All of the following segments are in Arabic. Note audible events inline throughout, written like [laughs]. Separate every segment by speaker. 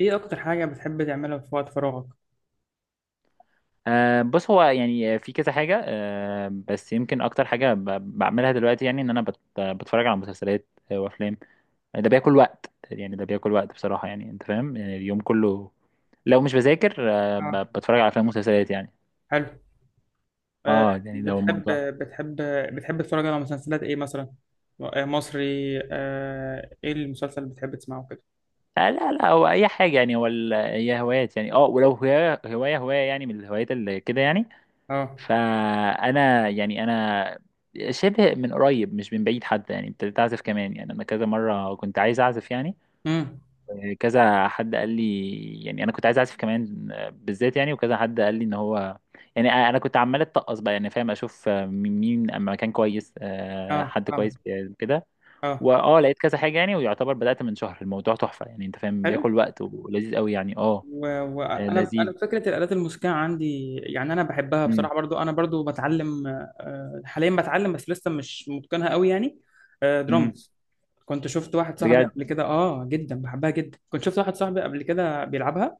Speaker 1: ايه اكتر حاجة بتحب تعملها في وقت فراغك؟
Speaker 2: بص هو يعني في كذا حاجة بس يمكن أكتر حاجة بعملها دلوقتي يعني إن أنا بتفرج على مسلسلات وأفلام. ده بياكل وقت يعني ده بياكل وقت بصراحة يعني أنت فاهم يعني اليوم كله لو مش بذاكر
Speaker 1: اه.
Speaker 2: بتفرج على أفلام ومسلسلات يعني.
Speaker 1: حلو. أه.
Speaker 2: يعني ده هو
Speaker 1: بتحب
Speaker 2: الموضوع.
Speaker 1: بتحب بتحب تتفرج على مسلسلات ايه مثلا؟ آه، مصري. أه، ايه المسلسل اللي بتحب تسمعه كده؟
Speaker 2: لا لا، هو أي حاجة يعني. هو هي هوايات يعني، ولو هواية هواية هواية يعني، من الهوايات اللي كده يعني.
Speaker 1: اه.
Speaker 2: فانا يعني انا شبه من قريب مش من بعيد حتى يعني، ابتديت اعزف كمان، يعني انا كذا مره كنت عايز اعزف يعني،
Speaker 1: امم.
Speaker 2: كذا حد قال لي. يعني انا كنت عايز اعزف كمان بالذات يعني، وكذا حد قال لي ان هو يعني. انا كنت عمال اتقص بقى، يعني فاهم، اشوف مين مين أما مكان كويس،
Speaker 1: اه،
Speaker 2: حد
Speaker 1: فاهم.
Speaker 2: كويس كده.
Speaker 1: اه،
Speaker 2: واه لقيت كذا حاجه يعني، ويعتبر بدات من شهر. الموضوع تحفه يعني انت فاهم،
Speaker 1: حلو.
Speaker 2: بياكل وقت ولذيذ قوي يعني. اه،
Speaker 1: وانا انا أنا
Speaker 2: لذيذ.
Speaker 1: فكره الالات الموسيقيه عندي، يعني انا بحبها
Speaker 2: امم
Speaker 1: بصراحه. برضو انا برضو بتعلم، حاليا بتعلم، بس لسه مش متقنها قوي يعني. آه،
Speaker 2: امم
Speaker 1: درامز. كنت شفت واحد صاحبي
Speaker 2: بجد؟
Speaker 1: قبل كده جدا بحبها جدا، كنت شفت واحد صاحبي قبل كده بيلعبها،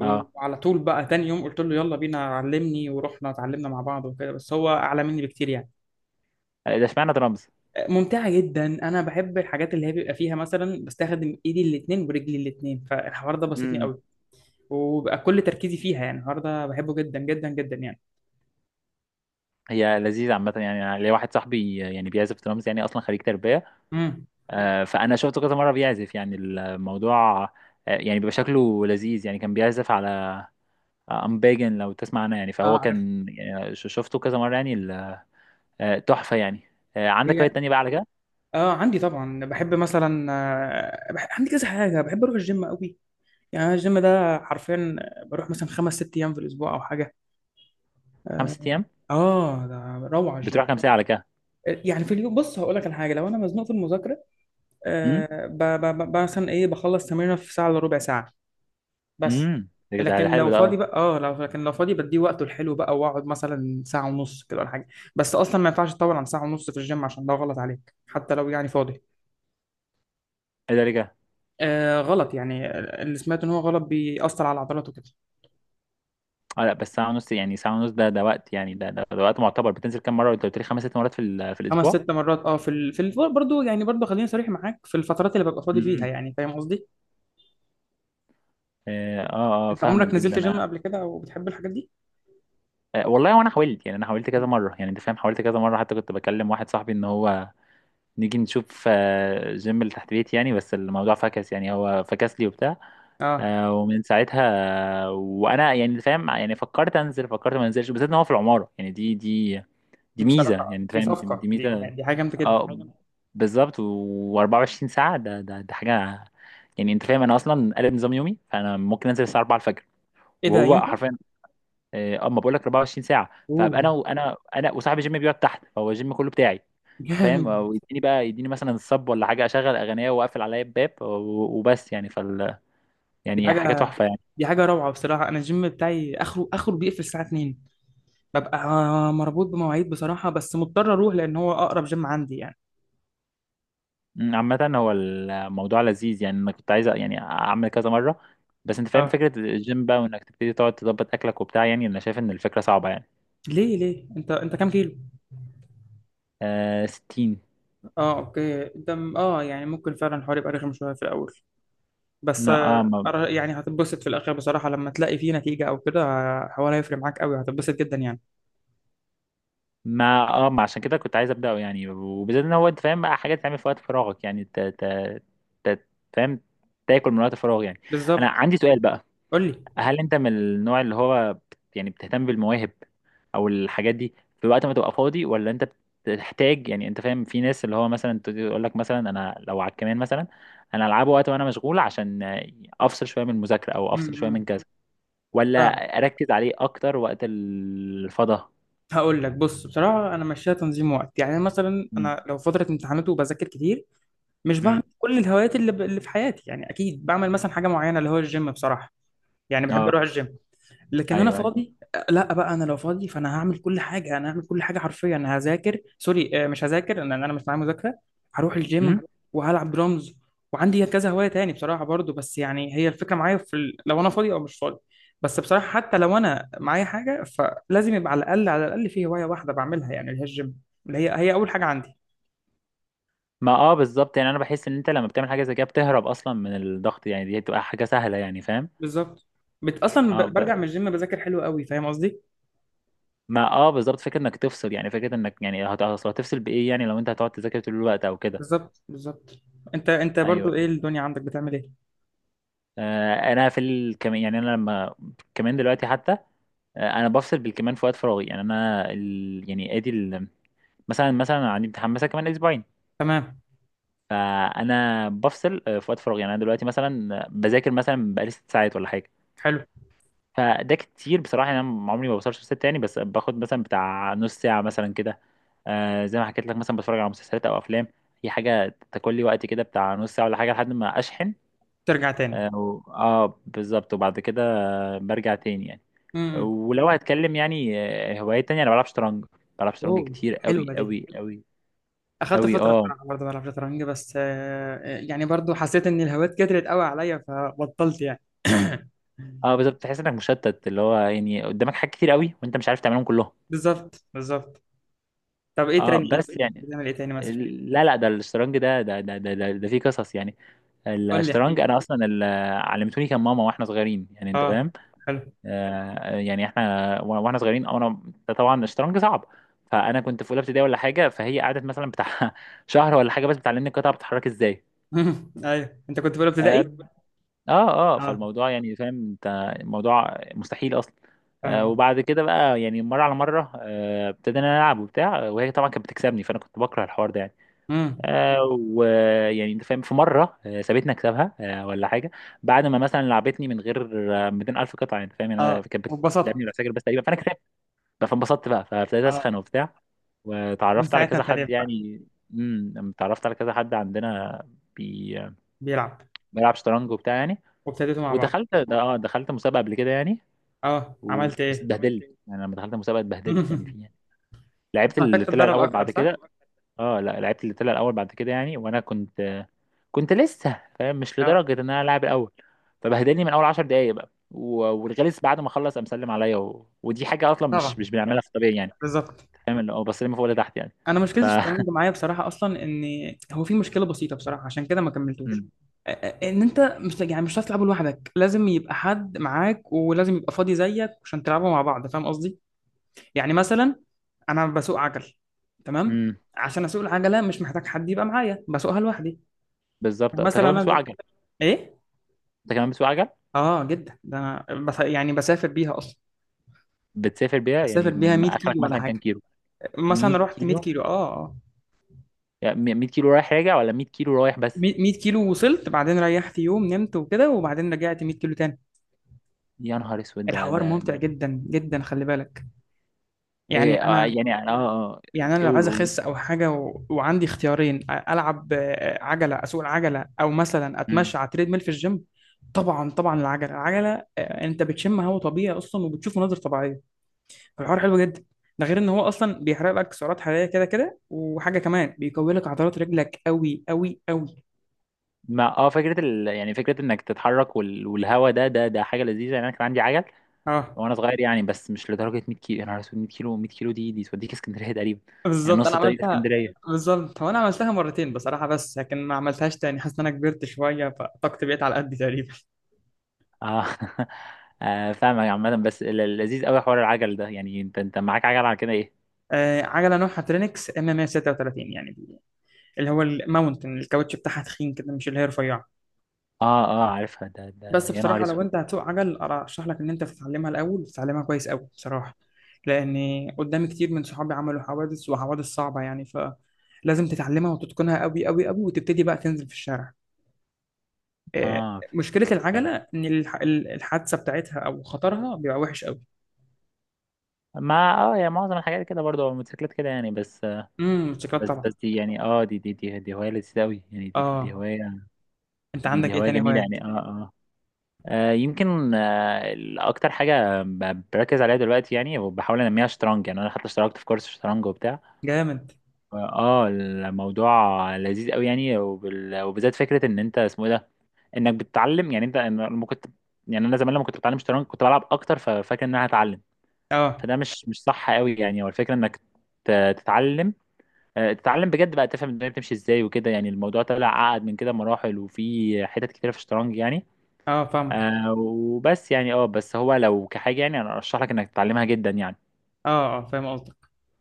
Speaker 2: اه،
Speaker 1: طول بقى تاني يوم قلت له يلا بينا علمني، ورحنا اتعلمنا مع بعض وكده، بس هو اعلى مني بكتير يعني.
Speaker 2: ده اشمعنى درامز؟
Speaker 1: ممتعة جدا، انا بحب الحاجات اللي هي بيبقى فيها مثلا بستخدم ايدي الاتنين ورجلي الاتنين، فالحوار ده بسطني قوي وبقى كل تركيزي فيها يعني. الحوار ده بحبه جدا جدا جدا يعني.
Speaker 2: هي لذيذة عامة يعني. أنا ليا واحد صاحبي يعني بيعزف درامز، يعني أصلا خريج تربية،
Speaker 1: امم.
Speaker 2: فأنا شفته كذا مرة بيعزف يعني. الموضوع يعني بيبقى شكله لذيذ يعني. كان بيعزف على أمباجن لو تسمع عنها يعني.
Speaker 1: اه،
Speaker 2: فهو
Speaker 1: عارف.
Speaker 2: كان يعني شفته كذا مرة يعني آه، تحفة يعني. عندك
Speaker 1: هي.
Speaker 2: هوايات تانية بقى على كده؟
Speaker 1: اه، عندي طبعا بحب مثلا. عندي كذا حاجة، بحب اروح الجيم قوي، يعني أنا الجيم ده حرفيا بروح مثلا خمس ست ايام في الاسبوع او حاجة. اه.
Speaker 2: 5 أيام؟
Speaker 1: آه، ده روعة
Speaker 2: بتروح
Speaker 1: الجيم.
Speaker 2: كام ساعة على كده؟
Speaker 1: يعني في اليوم، بص هقول لك على حاجه: لو انا مزنوق في المذاكره،
Speaker 2: أمم
Speaker 1: مثلا ايه بخلص تمرينه في ساعه الا ربع ساعه. بس.
Speaker 2: أمم ده
Speaker 1: لكن
Speaker 2: ده
Speaker 1: لو
Speaker 2: حلو ده.
Speaker 1: فاضي بقى، لو فاضي بديه وقته الحلو بقى، واقعد مثلا ساعه ونص كده ولا حاجه. بس اصلا ما ينفعش تطول عن ساعه ونص في الجيم، عشان ده غلط عليك حتى لو يعني فاضي.
Speaker 2: إيه ده رجع؟
Speaker 1: آه، غلط يعني، اللي سمعت ان هو غلط بيأثر على العضلات وكده.
Speaker 2: اه لا، بس ساعة ونص يعني، ساعة ونص ده ده وقت يعني، ده وقت معتبر. بتنزل كام مرة؟ أنت قلت لي خمس ست مرات في في
Speaker 1: خمس
Speaker 2: الأسبوع؟
Speaker 1: ست مرات برضه يعني، برضه خليني صريح معاك، في الفترات اللي ببقى فاضي فيها يعني، فاهم قصدي.
Speaker 2: اه، اه،
Speaker 1: انت
Speaker 2: فاهمك
Speaker 1: عمرك
Speaker 2: جدا
Speaker 1: نزلت جيم
Speaker 2: يعني.
Speaker 1: قبل كده؟ او بتحب الحاجات دي؟
Speaker 2: والله وانا حاولت يعني، انا حاولت كذا مره يعني انت فاهم، حاولت كذا مره، حتى كنت بكلم واحد صاحبي ان هو نيجي نشوف جيم اللي تحت بيتي يعني. بس الموضوع فكس يعني، هو فكس لي وبتاع.
Speaker 1: اه.
Speaker 2: ومن ساعتها، وانا يعني أنت فاهم، يعني فكرت انزل، فكرت ما انزلش، بالذات ان هو في العماره يعني. دي دي ميزه يعني
Speaker 1: بصراحة
Speaker 2: انت
Speaker 1: دي
Speaker 2: فاهم، دي
Speaker 1: صفقة، دي
Speaker 2: ميزه.
Speaker 1: يعني دي حاجة جامدة جدا.
Speaker 2: اه بالظبط. و24 ساعه ده ده حاجه يعني انت فاهم. انا اصلا قلب نظام يومي، فانا ممكن انزل الساعه 4 الفجر
Speaker 1: ايه ده
Speaker 2: وهو
Speaker 1: ينفع؟
Speaker 2: حرفيا. اه، اما بقول لك 24 ساعه،
Speaker 1: اوه،
Speaker 2: فابقى انا وانا وصاحبي، جيم بيقعد تحت، فهو الجيم كله بتاعي انت فاهم.
Speaker 1: جامد.
Speaker 2: ويديني بقى، يديني مثلا الصب ولا حاجه، اشغل اغنيه واقفل عليا الباب وبس يعني، فال،
Speaker 1: دي
Speaker 2: يعني حاجه
Speaker 1: حاجة
Speaker 2: تحفه يعني.
Speaker 1: دي حاجة روعة بصراحة. انا الجيم بتاعي اخره اخره بيقفل الساعة 2. ببقى مربوط بمواعيد بصراحة، بس مضطر اروح لان هو اقرب جيم عندي يعني.
Speaker 2: عامه هو الموضوع لذيذ يعني. انا كنت عايز يعني اعمل كذا مره، بس انت فاهم،
Speaker 1: اه.
Speaker 2: فكره الجيم بقى، وانك تبتدي تقعد تظبط اكلك وبتاع، يعني انا شايف ان الفكره صعبه يعني.
Speaker 1: ليه ليه؟ انت كام كيلو؟
Speaker 2: 60.
Speaker 1: اه، اوكي. ده م- اه يعني ممكن فعلا الحوار يبقى رخم شوية في الاول، بس
Speaker 2: لا
Speaker 1: آه،
Speaker 2: اه.
Speaker 1: يعني هتتبسط في الاخر بصراحة لما تلاقي فيه نتيجة او كده. آه، الحوار هيفرق معاك قوي، هتتبسط جدا يعني.
Speaker 2: ما اه، ما عشان كده كنت عايز ابداه يعني، وبالذات ان هو انت فاهم بقى، حاجات تعمل في وقت فراغك يعني، ت... فاهم، تاكل من وقت فراغ يعني. انا
Speaker 1: بالظبط.
Speaker 2: عندي سؤال بقى:
Speaker 1: قول لي.
Speaker 2: هل انت من النوع اللي هو يعني بتهتم بالمواهب او الحاجات دي في وقت ما تبقى فاضي، ولا انت بتحتاج يعني انت فاهم؟ في ناس اللي هو مثلا تقول لك مثلا انا لو على الكمان مثلا، انا العبه وقت وانا مشغول، عشان افصل شويه من المذاكره او افصل شويه من
Speaker 1: امم.
Speaker 2: كذا، ولا اركز عليه اكتر وقت الفضا؟
Speaker 1: هقول لك، بص بصراحة أنا ماشيها تنظيم وقت. يعني مثلا أنا لو فترة امتحانات وبذاكر كتير، مش بعمل
Speaker 2: امم.
Speaker 1: كل الهوايات اللي في حياتي يعني. أكيد بعمل مثلا حاجة معينة، اللي هو الجيم بصراحة، يعني بحب أروح الجيم. لكن انا
Speaker 2: ايوه ايوه.
Speaker 1: فاضي، لا بقى انا لو فاضي فانا هعمل كل حاجه، انا هعمل كل حاجه حرفيا. انا هذاكر سوري، مش هذاكر لان انا مش معايا مذاكره. هروح
Speaker 2: امم.
Speaker 1: الجيم، وهلعب درامز، وعندي كذا هوايه تاني بصراحه برضو. بس يعني هي الفكره معايا في لو انا فاضي او مش فاضي، بس بصراحه حتى لو انا معايا حاجه فلازم يبقى على الاقل على الاقل في هوايه واحده بعملها، يعني اللي هي الجيم، اللي هي اول حاجه عندي.
Speaker 2: ما اه، بالظبط يعني. انا بحس ان انت لما بتعمل حاجه زي كده بتهرب اصلا من الضغط يعني، دي بتبقى حاجه سهله يعني، فاهم.
Speaker 1: بالظبط.
Speaker 2: اه
Speaker 1: برجع
Speaker 2: ب...
Speaker 1: من الجيم بذاكر حلو قوي، فاهم قصدي.
Speaker 2: ما اه، بالظبط، فكره انك تفصل يعني، فكره انك يعني أصل هتفصل بايه يعني؟ لو انت هتقعد تذاكر طول الوقت او كده.
Speaker 1: بالظبط بالظبط. انت برضو ايه
Speaker 2: ايوه.
Speaker 1: الدنيا عندك؟ بتعمل ايه؟
Speaker 2: انا في الكمان يعني. انا لما كمان دلوقتي حتى، انا بفصل بالكمان في وقت فراغي يعني. انا يعني ادي مثلا مثلا عندي امتحان مثلا كمان اسبوعين،
Speaker 1: تمام.
Speaker 2: فانا بفصل في وقت فراغي يعني. انا دلوقتي مثلا بذاكر مثلا بقالي 6 ساعات ولا حاجه،
Speaker 1: حلو.
Speaker 2: فده كتير بصراحة يعني. أنا عمري ما بوصلش لست يعني، بس باخد مثلا بتاع نص ساعة مثلا كده. زي ما حكيت لك، مثلا بتفرج على مسلسلات أو أفلام. هي حاجة تاكل لي وقت كده، بتاع نص ساعة ولا حاجة، لحد ما أشحن.
Speaker 1: ترجع تاني.
Speaker 2: بالظبط. وبعد كده برجع تاني يعني.
Speaker 1: امم.
Speaker 2: ولو هتكلم يعني هوايات تانية، أنا بلعب شطرنج. بلعب شطرنج
Speaker 1: اوه،
Speaker 2: كتير أوي
Speaker 1: حلوه دي.
Speaker 2: أوي أوي
Speaker 1: اخدت
Speaker 2: أوي.
Speaker 1: فتره
Speaker 2: اه
Speaker 1: بصراحه، برضه بلعب شطرنج، بس آه، يعني برضه حسيت ان الهوايات كترت قوي عليا فبطلت يعني.
Speaker 2: اه، بالظبط،
Speaker 1: [coughs]
Speaker 2: تحس إنك مشتت، اللي هو يعني قدامك حاجات كتير أوي وأنت مش عارف تعملهم كلهم.
Speaker 1: بالظبط بالظبط. طب ايه
Speaker 2: اه
Speaker 1: تاني؟
Speaker 2: بس،
Speaker 1: بتعمل ايه تاني مثلا؟
Speaker 2: لا لا، ده الشطرنج ده ده فيه قصص يعني.
Speaker 1: قول لي، احكي
Speaker 2: الشطرنج
Speaker 1: لي.
Speaker 2: انا اصلا علمتوني كان ماما واحنا صغيرين يعني انت
Speaker 1: اه،
Speaker 2: فاهم.
Speaker 1: حلو.
Speaker 2: يعني احنا واحنا صغيرين انا، طبعا الشطرنج صعب، فانا كنت في اولى ابتدائي ولا حاجه، فهي قعدت مثلا بتاع [laughs] شهر ولا حاجه بس بتعلمني القطعه بتتحرك ازاي.
Speaker 1: [laughs] ايوه، انت كنت في اولى
Speaker 2: اه
Speaker 1: ابتدائي.
Speaker 2: اه،
Speaker 1: اه،
Speaker 2: فالموضوع يعني فاهم انت، الموضوع مستحيل اصلا.
Speaker 1: فاهم قصدي.
Speaker 2: وبعد كده بقى يعني مره على مره، ابتدينا نلعب وبتاع، وهي طبعا كانت بتكسبني، فانا كنت بكره الحوار ده يعني.
Speaker 1: امم.
Speaker 2: آه، ويعني انت فاهم، في مره سابتني اكسبها ولا حاجه، بعد ما مثلا لعبتني من غير 200,000 قطعه انت فاهم يعني. انا
Speaker 1: اه،
Speaker 2: كانت بتلعبني
Speaker 1: واتبسطت.
Speaker 2: بالعساكر بس تقريبا، فانا كسبت بقى، فانبسطت بقى، فابتديت
Speaker 1: اه،
Speaker 2: اسخن وبتاع،
Speaker 1: من
Speaker 2: وتعرفت على
Speaker 1: ساعتها
Speaker 2: كذا حد
Speaker 1: ابتديت بقى.
Speaker 2: يعني. امم. اتعرفت على كذا حد عندنا بي...
Speaker 1: بيلعب.
Speaker 2: بيلعب شطرنج وبتاع يعني.
Speaker 1: وابتديتوا مع بعض.
Speaker 2: ودخلت، ده اه، دخلت مسابقه قبل كده يعني.
Speaker 1: اه، عملت
Speaker 2: بس
Speaker 1: ايه؟
Speaker 2: اتبهدلت يعني. لما دخلت مسابقه اتبهدلت يعني فيها
Speaker 1: [laughs]
Speaker 2: يعني.
Speaker 1: كنت
Speaker 2: لعبت
Speaker 1: محتاج
Speaker 2: اللي طلع
Speaker 1: تتدرب
Speaker 2: الاول
Speaker 1: اكتر،
Speaker 2: بعد
Speaker 1: صح؟
Speaker 2: كده. اه لا، لعبت اللي طلع الاول بعد كده يعني، وانا كنت، كنت لسه فاهم مش
Speaker 1: اه،
Speaker 2: لدرجه ان انا العب الاول، فبهدلني من اول 10 دقايق بقى، والغلس بعد ما خلص قام سلم عليا ودي حاجه اصلا مش
Speaker 1: طبعا.
Speaker 2: مش بنعملها في الطبيعي يعني،
Speaker 1: بالظبط.
Speaker 2: فاهم، اللي هو بسلم فوق لتحت يعني.
Speaker 1: انا مشكله
Speaker 2: ف
Speaker 1: الشطرنج معايا بصراحه، اصلا ان هو في مشكله بسيطه بصراحه، عشان كده ما كملتوش.
Speaker 2: مم.
Speaker 1: ان انت مش يعني مش هتعرف تلعبه لوحدك، لازم يبقى حد معاك ولازم يبقى فاضي زيك عشان تلعبوا مع بعض، فاهم قصدي. يعني مثلا انا بسوق عجل،
Speaker 2: [laughs]
Speaker 1: تمام؟
Speaker 2: مم.
Speaker 1: عشان اسوق العجله مش محتاج حد يبقى معايا، بسوقها لوحدي.
Speaker 2: بالظبط.
Speaker 1: يعني
Speaker 2: انت كمان
Speaker 1: مثلا
Speaker 2: بتسوق
Speaker 1: انزل.
Speaker 2: عجل؟
Speaker 1: ايه؟
Speaker 2: انت كمان بتسوق عجل؟
Speaker 1: اه جدا، ده انا بس يعني بسافر بيها اصلا.
Speaker 2: بتسافر بيها يعني
Speaker 1: بسافر بيها 100
Speaker 2: اخرك
Speaker 1: كيلو ولا
Speaker 2: مثلا كام
Speaker 1: حاجه.
Speaker 2: كيلو؟ 100
Speaker 1: مثلا رحت 100
Speaker 2: كيلو؟
Speaker 1: كيلو. اه، اه.
Speaker 2: يعني 100 كيلو رايح راجع، ولا 100 كيلو رايح بس؟
Speaker 1: 100 كيلو وصلت، بعدين ريحت يوم نمت وكده، وبعدين رجعت 100 كيلو تاني.
Speaker 2: يا نهار اسود، ده
Speaker 1: الحوار
Speaker 2: ده
Speaker 1: ممتع
Speaker 2: ده
Speaker 1: جدا جدا، خلي بالك. يعني
Speaker 2: إيه
Speaker 1: انا،
Speaker 2: يعني، اه اه.
Speaker 1: يعني انا لو
Speaker 2: قول
Speaker 1: عايز
Speaker 2: قول
Speaker 1: اخس او حاجه، وعندي اختيارين، العب، عجله، اسوق العجله، او مثلا
Speaker 2: قول.
Speaker 1: اتمشى على تريد ميل في الجيم. طبعا طبعا، العجله العجله. آه، انت بتشم هواء طبيعي اصلا، وبتشوف مناظر طبيعيه، فالحوار حلو جدا. ده غير ان هو اصلا بيحرق لك سعرات حراريه كده كده، وحاجه كمان بيقوي لك عضلات رجلك قوي قوي قوي.
Speaker 2: ما اه، فكره يعني فكره انك تتحرك والهوا ده حاجه لذيذه يعني. انا كان عندي عجل
Speaker 1: اه،
Speaker 2: وانا صغير يعني، بس مش لدرجه 100 كيلو. انا رسول 100 كيلو؟ 100 كيلو دي، دي توديك اسكندريه تقريبا يعني،
Speaker 1: بالظبط،
Speaker 2: نص
Speaker 1: انا
Speaker 2: الطريق
Speaker 1: عملتها.
Speaker 2: اسكندريه.
Speaker 1: بالظبط، هو انا عملتها مرتين بصراحه، بس لكن ما عملتهاش تاني، حاسس ان انا كبرت شويه فطاقتي بقت على قد تقريبا. [laughs]
Speaker 2: اه. [laughs] فاهمك عامه. بس اللذيذ قوي حوار العجل ده يعني. انت انت معاك عجل على كده ايه؟
Speaker 1: آه، عجله نوعها ترينكس ام ام 36 يعني، اللي هو الماونتن، الكاوتش بتاعها تخين كده مش اللي هي رفيعه.
Speaker 2: اه اه عارفها، ده ده
Speaker 1: بس
Speaker 2: يا نهار
Speaker 1: بصراحه لو
Speaker 2: اسود.
Speaker 1: انت هتسوق عجل، ارشح لك ان انت تتعلمها الاول، وتتعلمها كويس قوي بصراحه، لان قدامي كتير من صحابي عملوا حوادث، وحوادث صعبه يعني، فلازم تتعلمها وتتقنها قوي قوي قوي، وتبتدي بقى تنزل في الشارع. آه،
Speaker 2: اه
Speaker 1: مشكله
Speaker 2: فهمت.
Speaker 1: العجله ان الحادثه بتاعتها او خطرها بيبقى وحش قوي.
Speaker 2: ما اه، يعني معظم الحاجات كده برضه، الموتوسيكلات كده يعني.
Speaker 1: امم، موتوسيكلات طبعا.
Speaker 2: بس دي يعني، اه، دي هوايه لذيذه قوي يعني. دي
Speaker 1: اه،
Speaker 2: هوايه،
Speaker 1: انت
Speaker 2: دي
Speaker 1: عندك
Speaker 2: دي
Speaker 1: ايه
Speaker 2: هوايه
Speaker 1: تاني
Speaker 2: جميله
Speaker 1: هوايات؟
Speaker 2: يعني. اه آه. يمكن اكتر حاجه بركز عليها دلوقتي يعني، وبحاول انميها، شطرنج يعني. انا حتى اشتركت في كورس شطرنج وبتاع.
Speaker 1: جامد.
Speaker 2: اه الموضوع لذيذ قوي يعني، وبالذات فكره ان انت اسمه ايه ده، انك بتتعلم يعني. انت أنا لما كنت، يعني انا زمان لما كنت بتعلم شطرنج كنت بلعب اكتر، ففاكر ان انا هتعلم،
Speaker 1: اه
Speaker 2: فده مش مش صح قوي يعني. هو الفكره انك تتعلم، تتعلم بجد بقى، تفهم الدنيا بتمشي ازاي وكده يعني. الموضوع طلع اعقد من كده مراحل، وفي حتت كتير في الشطرنج يعني.
Speaker 1: اه، فاهم.
Speaker 2: وبس يعني. اه بس هو لو كحاجة يعني، انا ارشح لك انك تتعلمها جدا يعني.
Speaker 1: اه اه، فاهم قصدك.